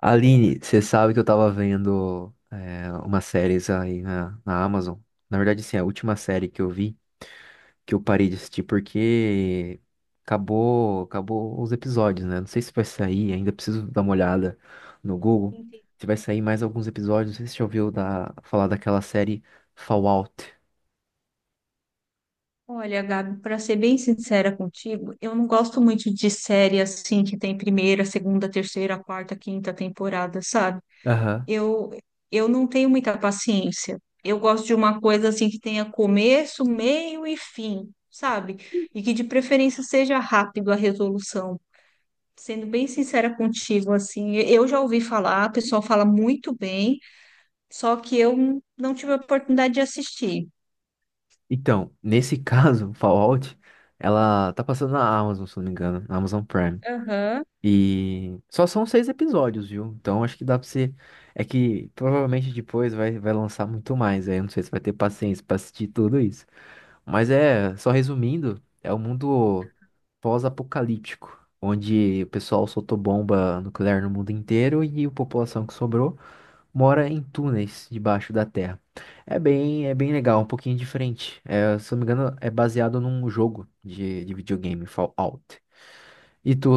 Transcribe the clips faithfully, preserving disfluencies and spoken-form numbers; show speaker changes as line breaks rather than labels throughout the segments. Aline, você sabe que eu tava vendo é, umas séries aí na, na Amazon. Na verdade, sim, a última série que eu vi, que eu parei de assistir porque acabou, acabou os episódios, né? Não sei se vai sair, ainda preciso dar uma olhada no Google.
Entendi.
Se vai sair mais alguns episódios, não sei se você já ouviu da, falar daquela série Fallout.
Olha, Gabi, para ser bem sincera contigo, eu não gosto muito de série assim que tem primeira, segunda, terceira, quarta, quinta temporada, sabe?
Aham.
Eu eu não tenho muita paciência. Eu gosto de uma coisa assim que tenha começo, meio e fim, sabe? E que de preferência seja rápido a resolução. Sendo bem sincera contigo, assim, eu já ouvi falar, o pessoal fala muito bem, só que eu não tive a oportunidade de assistir.
Então, nesse caso, Fallout, ela tá passando na Amazon, se não me engano, na Amazon Prime.
Aham.
E só são seis episódios, viu? Então acho que dá pra você. É que provavelmente depois vai, vai lançar muito mais. Aí eu não sei se vai ter paciência pra assistir tudo isso. Mas é, só resumindo, é um mundo pós-apocalíptico, onde o pessoal soltou bomba nuclear no mundo inteiro e a população que sobrou mora em túneis debaixo da terra. É bem, é bem legal, um pouquinho diferente. É, se eu não me engano, é baseado num jogo de, de videogame, Fallout. E tu,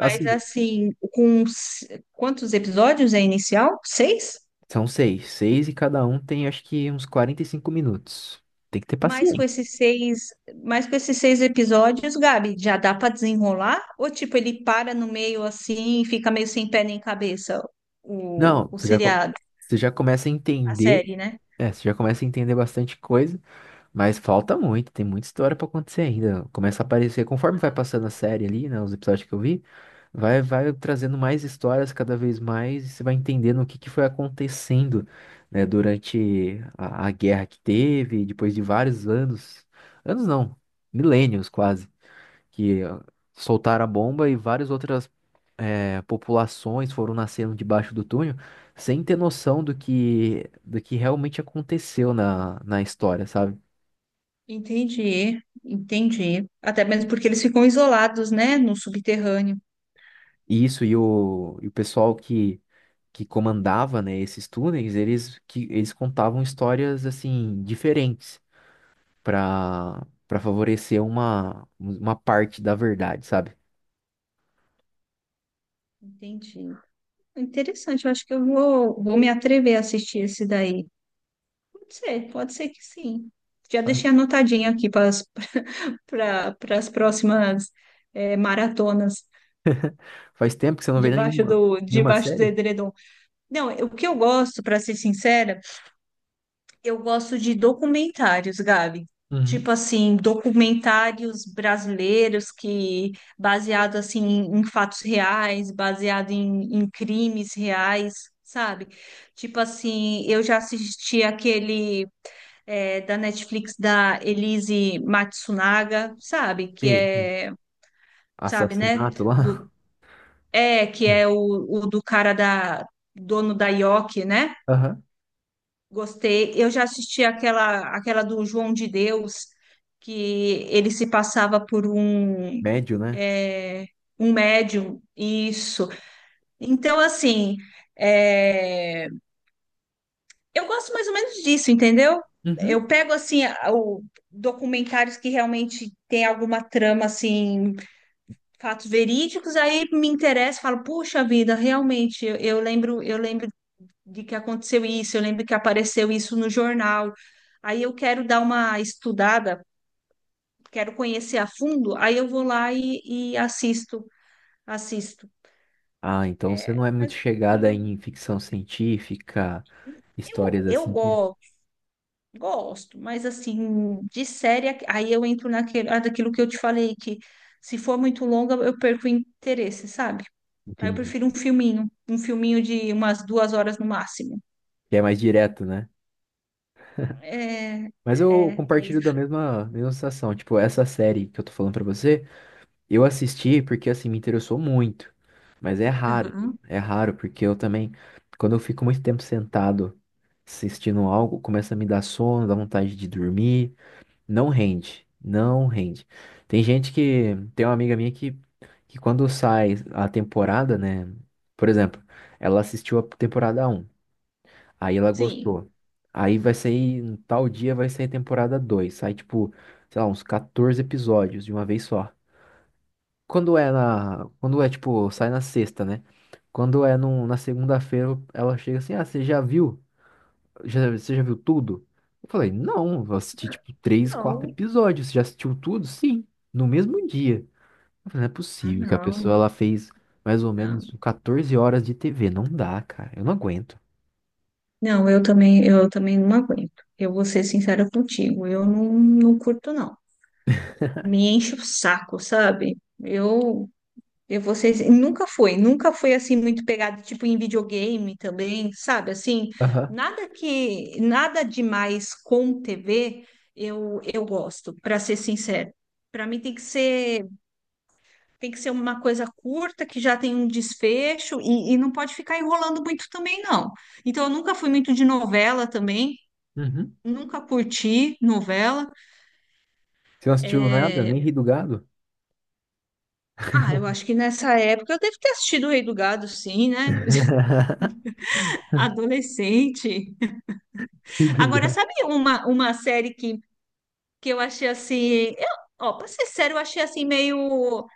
Mas assim, com s- quantos episódios é inicial? Seis?
São seis. Seis e cada um tem, acho que, uns quarenta e cinco minutos. Tem que ter
Mas com
paciência.
esses seis, mas com esses seis episódios, Gabi, já dá para desenrolar? Ou tipo, ele para no meio assim, e fica meio sem pé nem cabeça o,
Não,
o
você já, co-
seriado,
você já começa a
a
entender.
série, né?
É, você já começa a entender bastante coisa, mas falta muito, tem muita história pra acontecer ainda. Começa a aparecer, conforme vai passando a série ali, né, os episódios que eu vi, vai, vai trazendo mais histórias cada vez mais, e você vai entendendo o que que foi acontecendo, né, durante a, a guerra que teve, depois de vários anos, anos não, milênios quase que ah, soltaram a bomba e várias outras eh, populações foram nascendo debaixo do túnel sem ter noção do que, do que realmente aconteceu na, na história, sabe?
Entendi, entendi. Até mesmo porque eles ficam isolados, né, no subterrâneo.
E isso e o, e o pessoal que, que comandava, né, esses túneis, eles, que, eles contavam histórias, assim, diferentes para para favorecer uma, uma parte da verdade, sabe?
Entendi. Interessante, eu acho que eu vou, vou me atrever a assistir esse daí. Pode ser, pode ser que sim. Já deixei anotadinho aqui para as pra- pras próximas eh, maratonas
Faz tempo que você não vê
debaixo
nenhuma,
do,
nenhuma
debaixo do
série?
edredom. Não, o que eu gosto, para ser sincera, eu gosto de documentários, Gabi.
Uhum.
Tipo assim, documentários brasileiros que baseado assim em fatos reais, baseado em, em crimes reais, sabe? Tipo assim, eu já assisti aquele é, da Netflix da Elise Matsunaga, sabe? Que
Tem
é, sabe, né?
assassinato
Do,
lá.
é, que é o, o do cara da dono da Yoki, né?
Aham.
Gostei. Eu já assisti aquela, aquela do João de Deus, que ele se passava por um,
Médio, né?
é, um médium. Isso. Então, assim, é, eu gosto mais ou menos disso, entendeu?
Uhum.
Eu pego, assim, a- o... documentários que realmente tem alguma trama, assim, fatos verídicos, aí me interessa, falo, puxa vida, realmente, eu, eu lembro, eu lembro de que aconteceu isso, eu lembro que apareceu isso no jornal. Aí eu quero dar uma estudada, quero conhecer a fundo, aí eu vou lá e, e assisto, assisto.
Ah, então você
É,
não é muito
mas
chegada em ficção científica,
eu,
histórias
eu
assim que.
gosto, gosto, mas assim, de série, aí eu entro naquele, ah, daquilo que eu te falei, que se for muito longa, eu perco o interesse, sabe? Aí eu
Entendi.
prefiro um filminho, um filminho de umas duas horas no máximo.
Que é mais direto, né?
É,
Mas eu
é, é
compartilho da
isso.
mesma, mesma sensação. Tipo, essa série que eu tô falando pra você, eu assisti porque, assim, me interessou muito. Mas é raro.
Aham.
É raro, porque eu também, quando eu fico muito tempo sentado assistindo algo, começa a me dar sono, dá vontade de dormir. Não rende, não rende. Tem gente que, tem uma amiga minha que, que quando sai a temporada, né? Por exemplo, ela assistiu a temporada um, aí ela
Sim.
gostou. Aí vai sair, em tal dia vai sair a temporada dois, sai tipo, sei lá, uns quatorze episódios de uma vez só. Quando é na, quando é tipo, sai na sexta, né? Quando é no, na segunda-feira, ela chega assim, ah, você já viu? Já, você já viu tudo? Eu falei, não, eu assisti tipo três, quatro
Não,
episódios. Você já assistiu tudo? Sim, no mesmo dia. Eu falei, não é
ah,
possível que a pessoa
não.
ela fez mais ou
Não,
menos quatorze horas de T V. Não dá, cara. Eu não aguento.
não, eu também, eu também não aguento. Eu vou ser sincera contigo, eu não, não curto, não. Me enche o saco, sabe? Eu, eu vou ser, nunca foi, nunca foi assim muito pegado, tipo em videogame também, sabe? Assim,
Aham.
nada que, nada demais com T V, eu, eu gosto, para ser sincera. Para mim tem que ser, tem que ser uma coisa curta, que já tem um desfecho e, e não pode ficar enrolando muito também, não. Então, eu nunca fui muito de novela também.
Uhum.
Nunca curti novela.
Você não assistiu nada,
É,
nem Ri do Gado?
ah, eu acho que nessa época eu devo ter assistido O Rei do Gado, sim, né? Adolescente.
Ih, do
Agora,
gato.
sabe uma, uma série que, que eu achei assim. Eu, ó, pra ser sério, eu achei assim meio.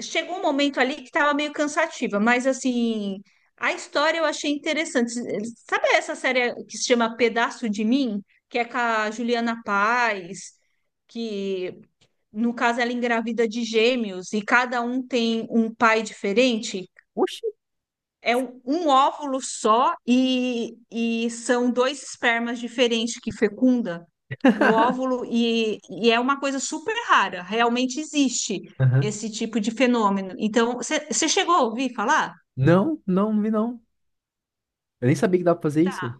Chegou um momento ali que tava meio cansativa, mas assim. A história eu achei interessante. Sabe essa série que se chama Pedaço de Mim? Que é com a Juliana Paz, que, no caso, ela engravida de gêmeos e cada um tem um pai diferente.
Oxi!
É um, um óvulo só e, e são dois espermas diferentes que fecunda o óvulo e, e é uma coisa super rara. Realmente existe
Aham.
esse tipo de fenômeno. Então, você chegou a ouvir falar?
Não, não, não vi não. Eu nem sabia que dava pra fazer isso.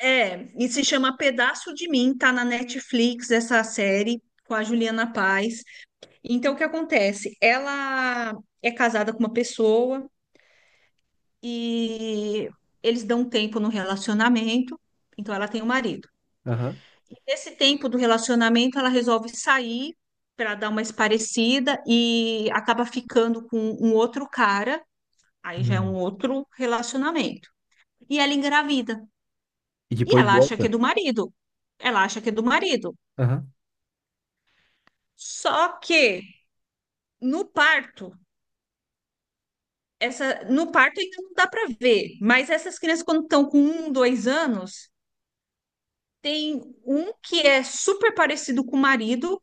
É, e se chama Pedaço de Mim, tá na Netflix essa série com a Juliana Paz. Então, o que acontece? Ela é casada com uma pessoa e eles dão um tempo no relacionamento, então ela tem o um marido.
Aham.
Nesse tempo do relacionamento, ela resolve sair para dar uma esparecida e acaba ficando com um outro cara, aí já é um
Hum.
outro relacionamento. E ela engravida.
E
E
depois
ela acha que é
volta.
do marido. Ela acha que é do marido.
Aham.
Só que no parto, essa no parto ainda não dá para ver, mas essas crianças quando estão com um, dois anos, tem um que é super parecido com o marido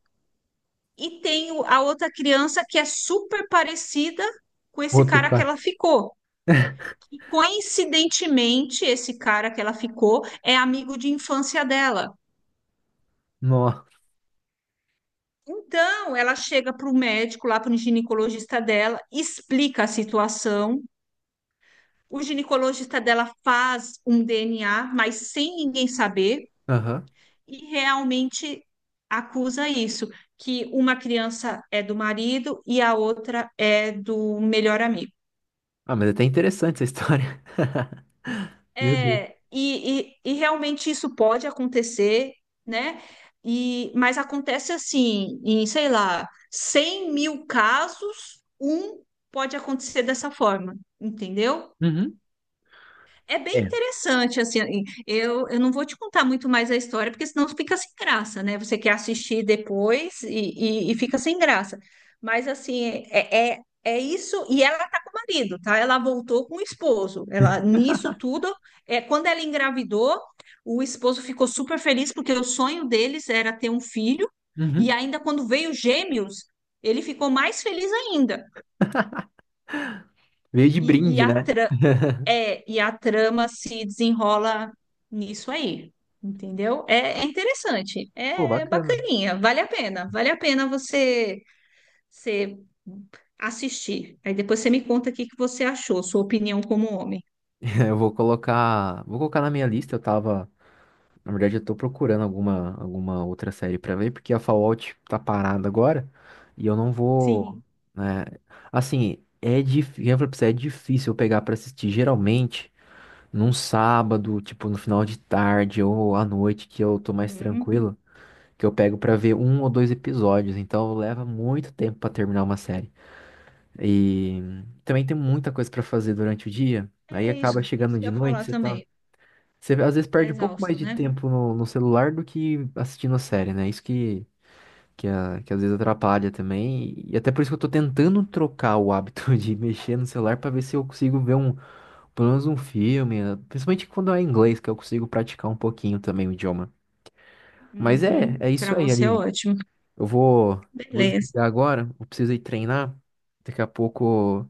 e tem o- a outra criança que é super parecida com esse
Outro
cara que
cara.
ela ficou. E coincidentemente, esse cara que ela ficou é amigo de infância dela.
Nossa.
Então, ela chega para o médico, lá para o ginecologista dela, explica a situação. O ginecologista dela faz um D N A, mas sem ninguém saber. E realmente acusa isso, que uma criança é do marido e a outra é do melhor amigo.
Ah, mas é até interessante essa história. Meu Deus.
É, e, e, e realmente isso pode acontecer, né? E, mas acontece assim, em, sei lá, cem mil casos, um pode acontecer dessa forma, entendeu?
Uhum,
É
é,
bem interessante, assim, eu, eu não vou te contar muito mais a história, porque senão fica sem graça, né? Você quer assistir depois e, e, e fica sem graça. Mas, assim, é, é, é isso, e ela tá com o marido, tá? Ela voltou com o esposo, ela, nisso tudo, é, quando ela engravidou, o esposo ficou super feliz, porque o sonho deles era ter um filho, e
uhum.
ainda quando veio gêmeos, ele ficou mais feliz ainda.
Veio de
E, e
brinde,
a
né?
é, e a trama se desenrola nisso aí, entendeu? É, é interessante,
Pô,
é é
bacana.
bacaninha, vale a pena, vale a pena você, você assistir. Aí depois você me conta o que que você achou, sua opinião como homem.
Eu vou colocar, vou colocar na minha lista. Eu tava, na verdade, eu tô procurando alguma, alguma outra série pra ver, porque a Fallout tá parada agora e eu não vou,
Sim.
né? Assim, é difícil, eu falei pra você, é difícil eu pegar pra assistir. Geralmente, num sábado, tipo, no final de tarde ou à noite, que eu tô mais
Uhum.
tranquilo. Que eu pego pra ver um ou dois episódios, então leva muito tempo pra terminar uma série. E também tem muita coisa pra fazer durante o dia, aí
É isso,
acaba chegando
isso que
de
eu ia
noite,
falar
você tá,
também.
você às vezes
Tá
perde um pouco mais
exausto,
de
né?
tempo no, no celular do que assistindo a série, né? Isso que que, a- que às vezes atrapalha também, e até por isso que eu tô tentando trocar o hábito de mexer no celular pra ver se eu consigo ver um, pelo menos um filme, eh, principalmente quando é em inglês, que eu consigo praticar um pouquinho também o idioma. Mas é,
Uhum.
é isso
Para
aí,
você é
Aline.
ótimo.
Eu vou, eu vou
Beleza.
desligar agora, eu preciso ir treinar. Daqui a pouco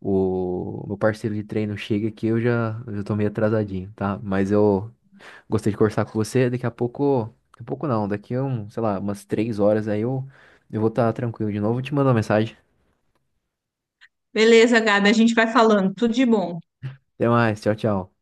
o meu parceiro de treino chega aqui, eu já, eu já tô meio atrasadinho, tá? Mas eu gostei de conversar com você. Daqui a pouco, daqui a pouco não, daqui a um, sei lá, umas três horas aí eu, eu vou estar tranquilo de novo. Eu te mando uma mensagem.
Beleza, Gabi, a gente vai falando. Tudo de bom.
Até mais, tchau, tchau.